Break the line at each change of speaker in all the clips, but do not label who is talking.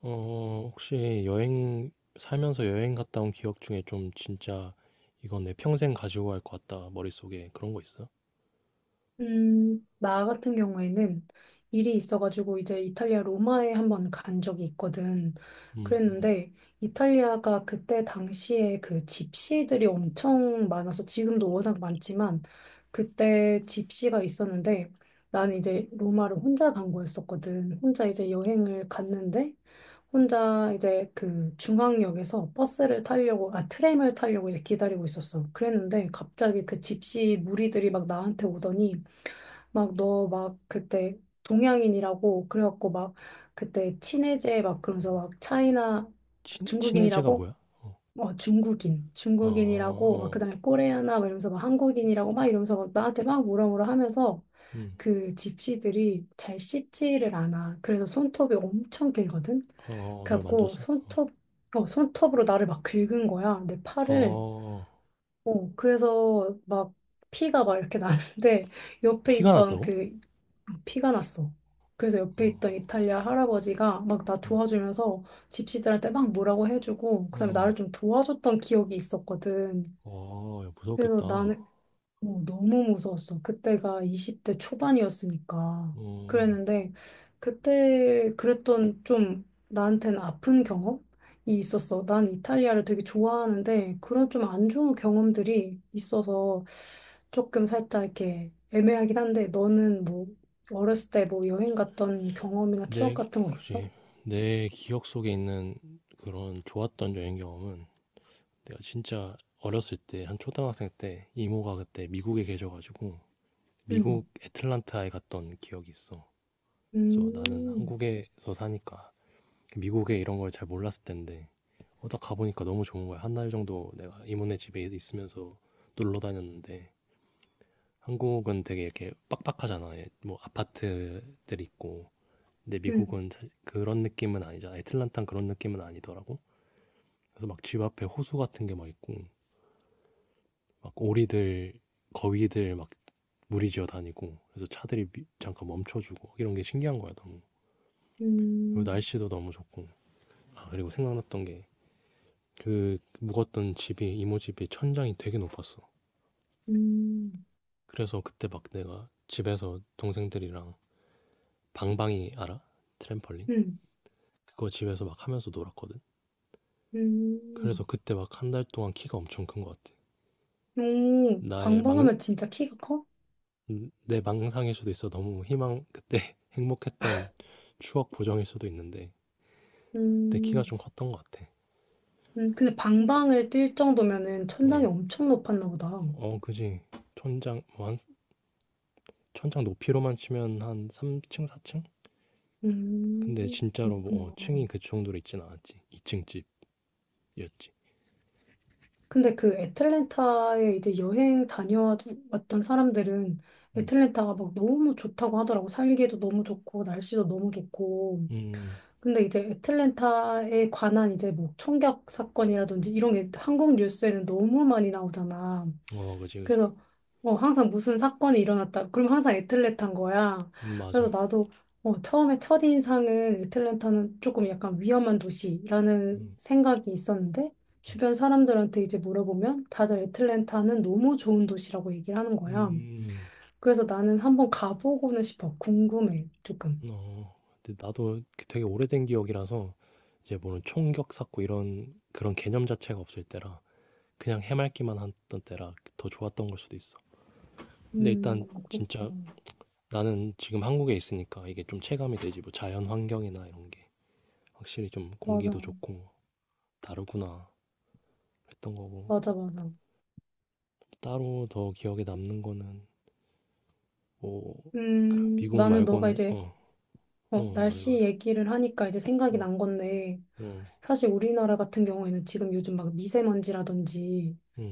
혹시 살면서 여행 갔다 온 기억 중에 좀 진짜 이건 내 평생 가지고 갈 것 같다. 머릿속에 그런 거 있어?
나 같은 경우에는 일이 있어가지고 이제 이탈리아 로마에 한번 간 적이 있거든.
음, 음.
그랬는데 이탈리아가 그때 당시에 그 집시들이 엄청 많아서 지금도 워낙 많지만 그때 집시가 있었는데 나는 이제 로마를 혼자 간 거였었거든. 혼자 이제 여행을 갔는데 혼자 이제 그 중앙역에서 버스를 타려고, 아, 트램을 타려고 이제 기다리고 있었어. 그랬는데 갑자기 그 집시 무리들이 막 나한테 오더니 막 너 막 그때 동양인이라고 그래갖고 막 그때 친해제 막 그러면서 막 차이나
친해제가
중국인이라고
뭐야? 어,
중국인
어, 어,
중국인이라고 막
어.
그다음에 코레아나 막 이러면서 막 한국인이라고 막 이러면서 막 나한테 막 뭐라 뭐라 하면서
음,
그 집시들이 잘 씻지를 않아. 그래서 손톱이 엄청 길거든.
어, 어, 어, 널
그래갖고
만졌어?
손톱으로 나를 막 긁은 거야. 내
어, 어,
팔을.
어.
그래서 막 피가 막 이렇게 나는데 옆에
피가
있던
났다고?
피가 났어. 그래서 옆에
어,
있던 이탈리아 할아버지가 막 나
음,
도와주면서 집시들한테 막 뭐라고 해주고 그다음에
음,
나를 좀 도와줬던 기억이 있었거든.
와, 야,
그래서
무섭겠다. 어,
나는 너무 무서웠어. 그때가 20대 초반이었으니까.
어.
그랬는데, 그때 그랬던 좀 나한테는 아픈 경험이 있었어. 난 이탈리아를 되게 좋아하는데, 그런 좀 안 좋은 경험들이 있어서 조금 살짝 이렇게 애매하긴 한데, 너는 뭐, 어렸을 때 뭐 여행 갔던 경험이나 추억
내,
같은 거 있어?
그지. 내 기억 속에 있는 그런 좋았던 여행 경험은 내가 진짜 어렸을 때, 한 초등학생 때, 이모가 그때 미국에 계셔가지고,
응.
미국 애틀란타에 갔던 기억이 있어. 그래서 나는
음.
한국에서 사니까, 미국에 이런 걸 잘 몰랐을 텐데, 딱 가보니까 너무 좋은 거야. 한 달 정도 내가 이모네 집에 있으면서 놀러 다녔는데, 한국은 되게 이렇게 빡빡하잖아. 예, 뭐 아파트들 있고. 근데
음.
미국은 그런 느낌은 아니잖아. 애틀란타는 그런 느낌은 아니더라고. 그래서 막 집 앞에 호수 같은 게 막 있고, 막 오리들, 거위들 막 무리지어 다니고 그래서 차들이 잠깐 멈춰주고 이런 게 신기한 거야 너무. 그리고
음.
날씨도 너무 좋고, 아, 그리고 생각났던 게 그 묵었던 집이, 이모 집이 천장이 되게 높았어.
음.
그래서 그때 막 내가 집에서 동생들이랑 방방이 알아? 트램펄린?
음.
그거 집에서 막 하면서 놀았거든. 그래서
음.
그때 막 한 달 동안 키가 엄청 큰 것 같아.
오,
나의 망,
방방하면 진짜 키가 커?
내 망상일 수도 있어. 너무 희망 그때 행복했던 추억 보정일 수도 있는데 그때 키가 좀
음.
컸던 것 같아.
음. 근데 방방을 뛸 정도면은
어.
천장이 엄청 높았나 보다.
어, 그지. 뭐 한, 천장 높이로만 치면 한 3층, 4층? 근데 진짜로 뭐,
그렇구나.
층이 그 정도로 있진 않았지. 2층 집이었지.
근데 그 애틀랜타에 이제 여행 다녀왔던 사람들은
음,
애틀랜타가 막 너무 좋다고 하더라고. 살기도 너무 좋고, 날씨도 너무 좋고.
음,
근데 이제 애틀랜타에 관한 이제 뭐 총격 사건이라든지 이런 게 한국 뉴스에는 너무 많이 나오잖아.
어, 그지, 그지.
그래서 항상 무슨 사건이 일어났다. 그럼 항상 애틀랜타인 거야. 그래서
맞아.
나도 처음에 첫인상은 애틀랜타는 조금 약간 위험한 도시라는
음,
생각이 있었는데 주변 사람들한테 이제 물어보면 다들 애틀랜타는 너무 좋은 도시라고 얘기를 하는 거야.
음,
그래서 나는 한번 가보고는 싶어. 궁금해, 조금.
어. 근데 나도 되게 오래된 기억이라서, 이제 뭐는 총격 샀고 이런, 그런 개념 자체가 없을 때라, 그냥 해맑기만 했던 때라 더 좋았던 걸 수도 있어. 근데 일단, 진짜,
그렇구나.
나는 지금 한국에 있으니까 이게 좀 체감이 되지. 뭐 자연 환경이나 이런 게. 확실히 좀
맞아.
공기도 좋고 다르구나 했던 거고.
맞아, 맞아.
따로 더 기억에 남는 거는 뭐그 미국
나는 너가
말고는,
이제
어. 어, 말해
날씨
말해.
얘기를 하니까 이제 생각이 난 건데
어어응.
사실 우리나라 같은 경우에는 지금 요즘 막 미세먼지라든지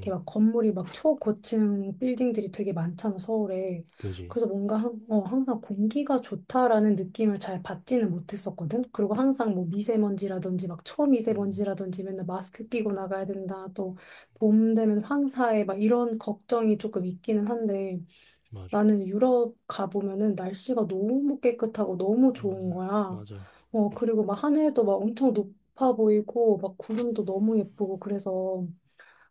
이렇게 막 건물이 막 초고층 빌딩들이 되게 많잖아, 서울에.
그지.
그래서 뭔가 항상 공기가 좋다라는 느낌을 잘 받지는 못했었거든. 그리고 항상 뭐 미세먼지라든지 막
음,
초미세먼지라든지 맨날 마스크 끼고 나가야 된다. 또 봄 되면 황사에 막 이런 걱정이 조금 있기는 한데
맞아.
나는 유럽 가보면은 날씨가 너무 깨끗하고 너무 좋은
맞아,
거야.
맞아.
그리고 막 하늘도 막 엄청 높아 보이고 막 구름도 너무 예쁘고 그래서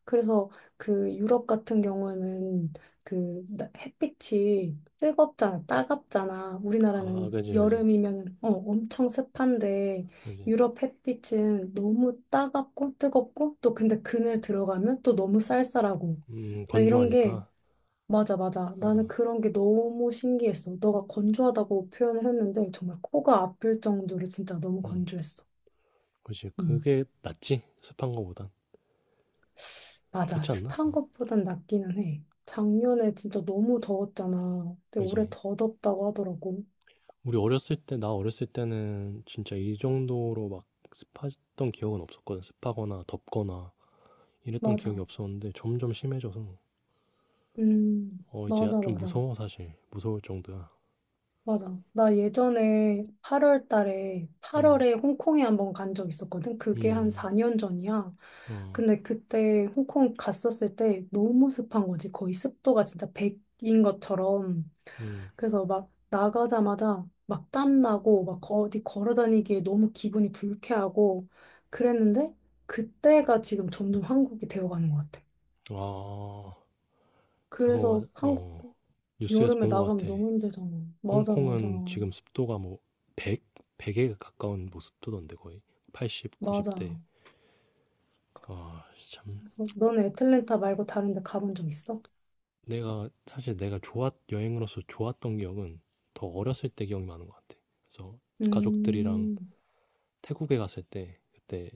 그래서 그 유럽 같은 경우에는 그 햇빛이 뜨겁잖아, 따갑잖아.
아,
우리나라는
그지, 그지.
여름이면은 엄청 습한데
그지.
유럽 햇빛은 너무 따갑고 뜨겁고 또 근데 그늘 들어가면 또 너무 쌀쌀하고
음,
나 이런 게
건조하니까.
맞아, 맞아. 나는
어음,
그런 게 너무 신기했어. 너가 건조하다고 표현을 했는데 정말 코가 아플 정도로 진짜 너무 건조했어.
그지.
음,
그게 낫지, 습한 거보단.
맞아.
그렇지 않나?
습한
어,
것보단 낫기는 해. 작년에 진짜 너무 더웠잖아. 근데 올해
그지.
더 덥다고 하더라고.
우리 어렸을 때 나 어렸을 때는 진짜 이 정도로 막 습했던 기억은 없었거든. 습하거나 덥거나 이랬던 기억이
맞아.
없었는데 점점 심해져서 어, 이제
맞아,
좀
맞아.
무서워 사실. 무서울 정도야.
맞아. 나 예전에 8월 달에,
음.
8월에 홍콩에 한번 간 적 있었거든. 그게 한
음.
4년 전이야.
어.
근데 그때 홍콩 갔었을 때 너무 습한 거지. 거의 습도가 진짜 100인 것처럼.
음.
그래서 막 나가자마자 막 땀나고 막 어디 걸어 다니기에 너무 기분이 불쾌하고 그랬는데 그때가 지금 점점 한국이 되어가는 것 같아.
아. 그거
그래서
맞아.
한국
어. 뉴스에서
여름에
본 것
나가면
같아.
너무 힘들잖아. 맞아, 맞아.
홍콩은 지금 습도가 뭐 100? 100에 가까운 뭐 습도던데, 거의. 80,
맞아.
90대. 아, 참.
그래서 너는 애틀랜타 말고 다른 데 가본 적 있어?
내가 사실 내가 좋았 여행으로서 좋았던 기억은 더 어렸을 때 기억이 많은 것 같아. 그래서 가족들이랑
음.
태국에 갔을 때 그때,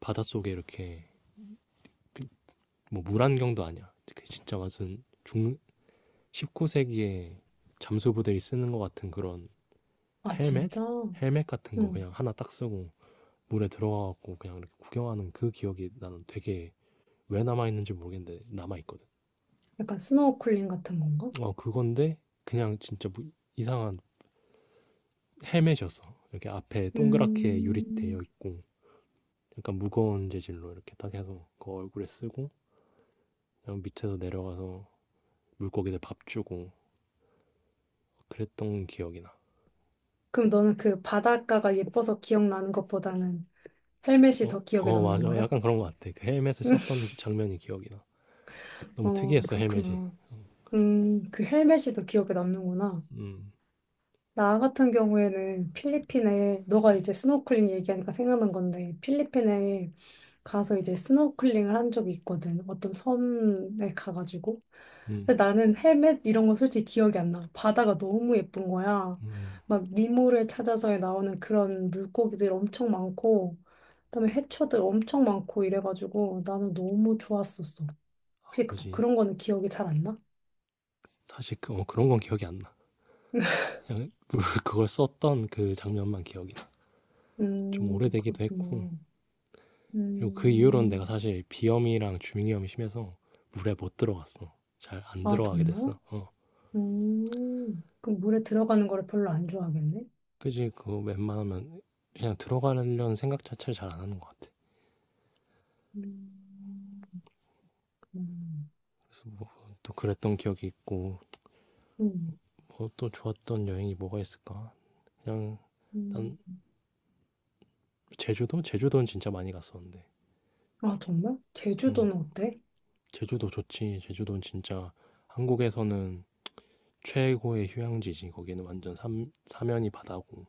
바닷속에 이렇게 그 뭐, 물안경도 아니야. 그 진짜 무슨 중 19세기에 잠수부대이 쓰는 것 같은 그런
아,
헬멧?
진짜?
헬멧 같은 거
응.
그냥 하나 딱 쓰고 물에 들어가갖고 그냥 이렇게 구경하는 그 기억이, 나는 되게 왜 남아있는지 모르겠는데 남아있거든.
약간 스노우쿨링 같은 건가?
어, 그건데 그냥 진짜 뭐 이상한 헬멧이었어. 이렇게 앞에 동그랗게 유리되어
음,
있고 약간 무거운 재질로 이렇게 딱 해서 그 얼굴에 쓰고, 그냥 밑에서 내려가서 물고기들 밥 주고 그랬던 기억이 나.
그럼 너는 그 바닷가가 예뻐서 기억나는 것보다는 헬멧이
어,
더 기억에
어,
남는
맞아.
거야?
약간 그런 것 같아. 그 헬멧을 썼던 장면이 기억이 나. 너무 특이했어, 헬멧이.
그렇구나. 그 헬멧이 더 기억에 남는구나.
음,
나 같은 경우에는 필리핀에, 너가 이제 스노클링 얘기하니까 생각난 건데, 필리핀에 가서 이제 스노클링을 한 적이 있거든. 어떤 섬에 가가지고.
음,
근데 나는 헬멧 이런 건 솔직히 기억이 안 나. 바다가 너무 예쁜 거야.
음,
막 니모를 찾아서에 나오는 그런 물고기들 엄청 많고, 그다음에 해초들 엄청 많고 이래가지고 나는 너무 좋았었어.
아,
혹시 그,
그지.
그런 거는 기억이 잘 안 나?
사실 그런 건 기억이 안 나. 그냥 그걸 썼던 그 장면만 기억이 나. 좀 오래되기도 했고.
그렇구나.
그리고 그 이후로는 내가
음.
사실 비염이랑 주민염이 심해서 물에 못 들어갔어. 잘 안
아,
들어가게
정말?
됐어. 어,
그럼 물에 들어가는 거를 별로 안 좋아하겠네?
그지. 그거 웬만하면 그냥 들어가려는 생각 자체를 잘 안 하는 것 같아.
음. 음.
또 그랬던 기억이 있고.
음.
뭐 또 좋았던 여행이 뭐가 있을까? 그냥, 난
음.
제주도? 제주도는 진짜 많이 갔었는데.
아, 정말?
음,
제주도는 어때?
제주도 좋지. 제주도는 진짜 한국에서는 최고의 휴양지지. 거기는 완전 사면이 바다고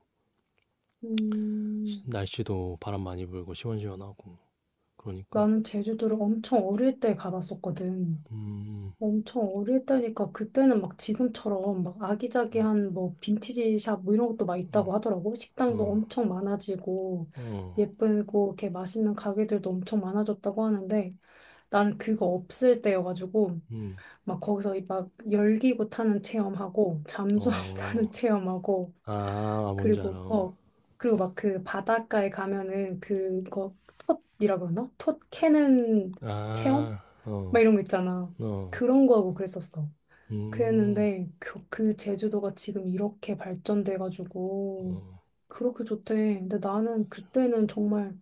음,
날씨도 바람 많이 불고 시원시원하고. 그러니까
나는 제주도를 엄청 어릴 때 가봤었거든.
음,
엄청 어릴 때니까 그때는 막 지금처럼 막 아기자기한 뭐 빈티지 샵 뭐 이런 것도 막 있다고 하더라고. 식당도
어,
엄청 많아지고
어,
예쁘고 이렇게 맛있는 가게들도 엄청 많아졌다고 하는데 나는 그거 없을 때여가지고
음,
막 거기서 막 열기구 타는 체험하고 잠수함
어,
타는 체험하고
아, 아, 뭔지 알아.
그리고 그리고 막 그 바닷가에 가면은 그거 톳이라 그러나? 톳 캐는 체험?
아,
막
어,
이런 거 있잖아.
어,
그런 거 하고 그랬었어.
음,
그랬는데 그, 그 제주도가 지금 이렇게 발전돼가지고
어,
그렇게 좋대. 근데 나는 그때는 정말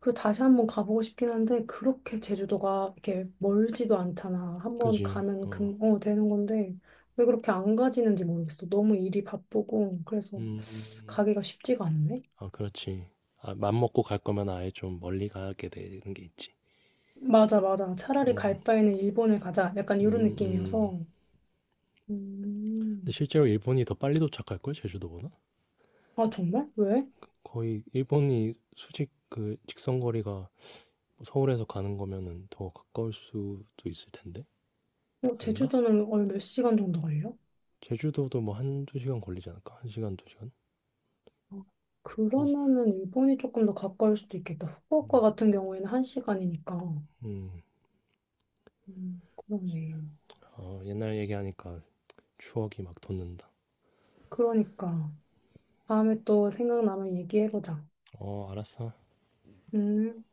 그리고 다시 한번 가보고 싶긴 한데 그렇게 제주도가 이렇게 멀지도 않잖아. 한번
그지,
가면
어,
되는 건데 왜 그렇게 안 가지는지 모르겠어. 너무 일이 바쁘고 그래서
음.
가기가 쉽지가 않네.
아, 그렇지. 아, 맘먹고 갈 거면 아예 좀 멀리 가게 되는 게 있지.
맞아, 맞아. 차라리 갈 바에는 일본을 가자. 약간 이런
음, 음.
느낌이어서.
근데
음.
실제로 일본이 더 빨리 도착할걸, 제주도보다?
아, 정말? 왜?
거의 일본이 수직 그 직선 거리가 서울에서 가는 거면은 더 가까울 수도 있을 텐데? 아닌가?
제주도는 얼 몇 시간 정도 걸려?
제주도도 뭐 한두 시간 걸리지 않을까? 한 시간, 두 시간?
어,
한 시간.
그러면은 일본이 조금 더 가까울 수도 있겠다.
음,
후쿠오카 같은 경우에는 한 시간이니까.
음.
그러네.
어, 옛날 얘기하니까 추억이 막 돋는다.
그러니까. 다음에 또 생각나면 얘기해보자.
어, 알았어.
음.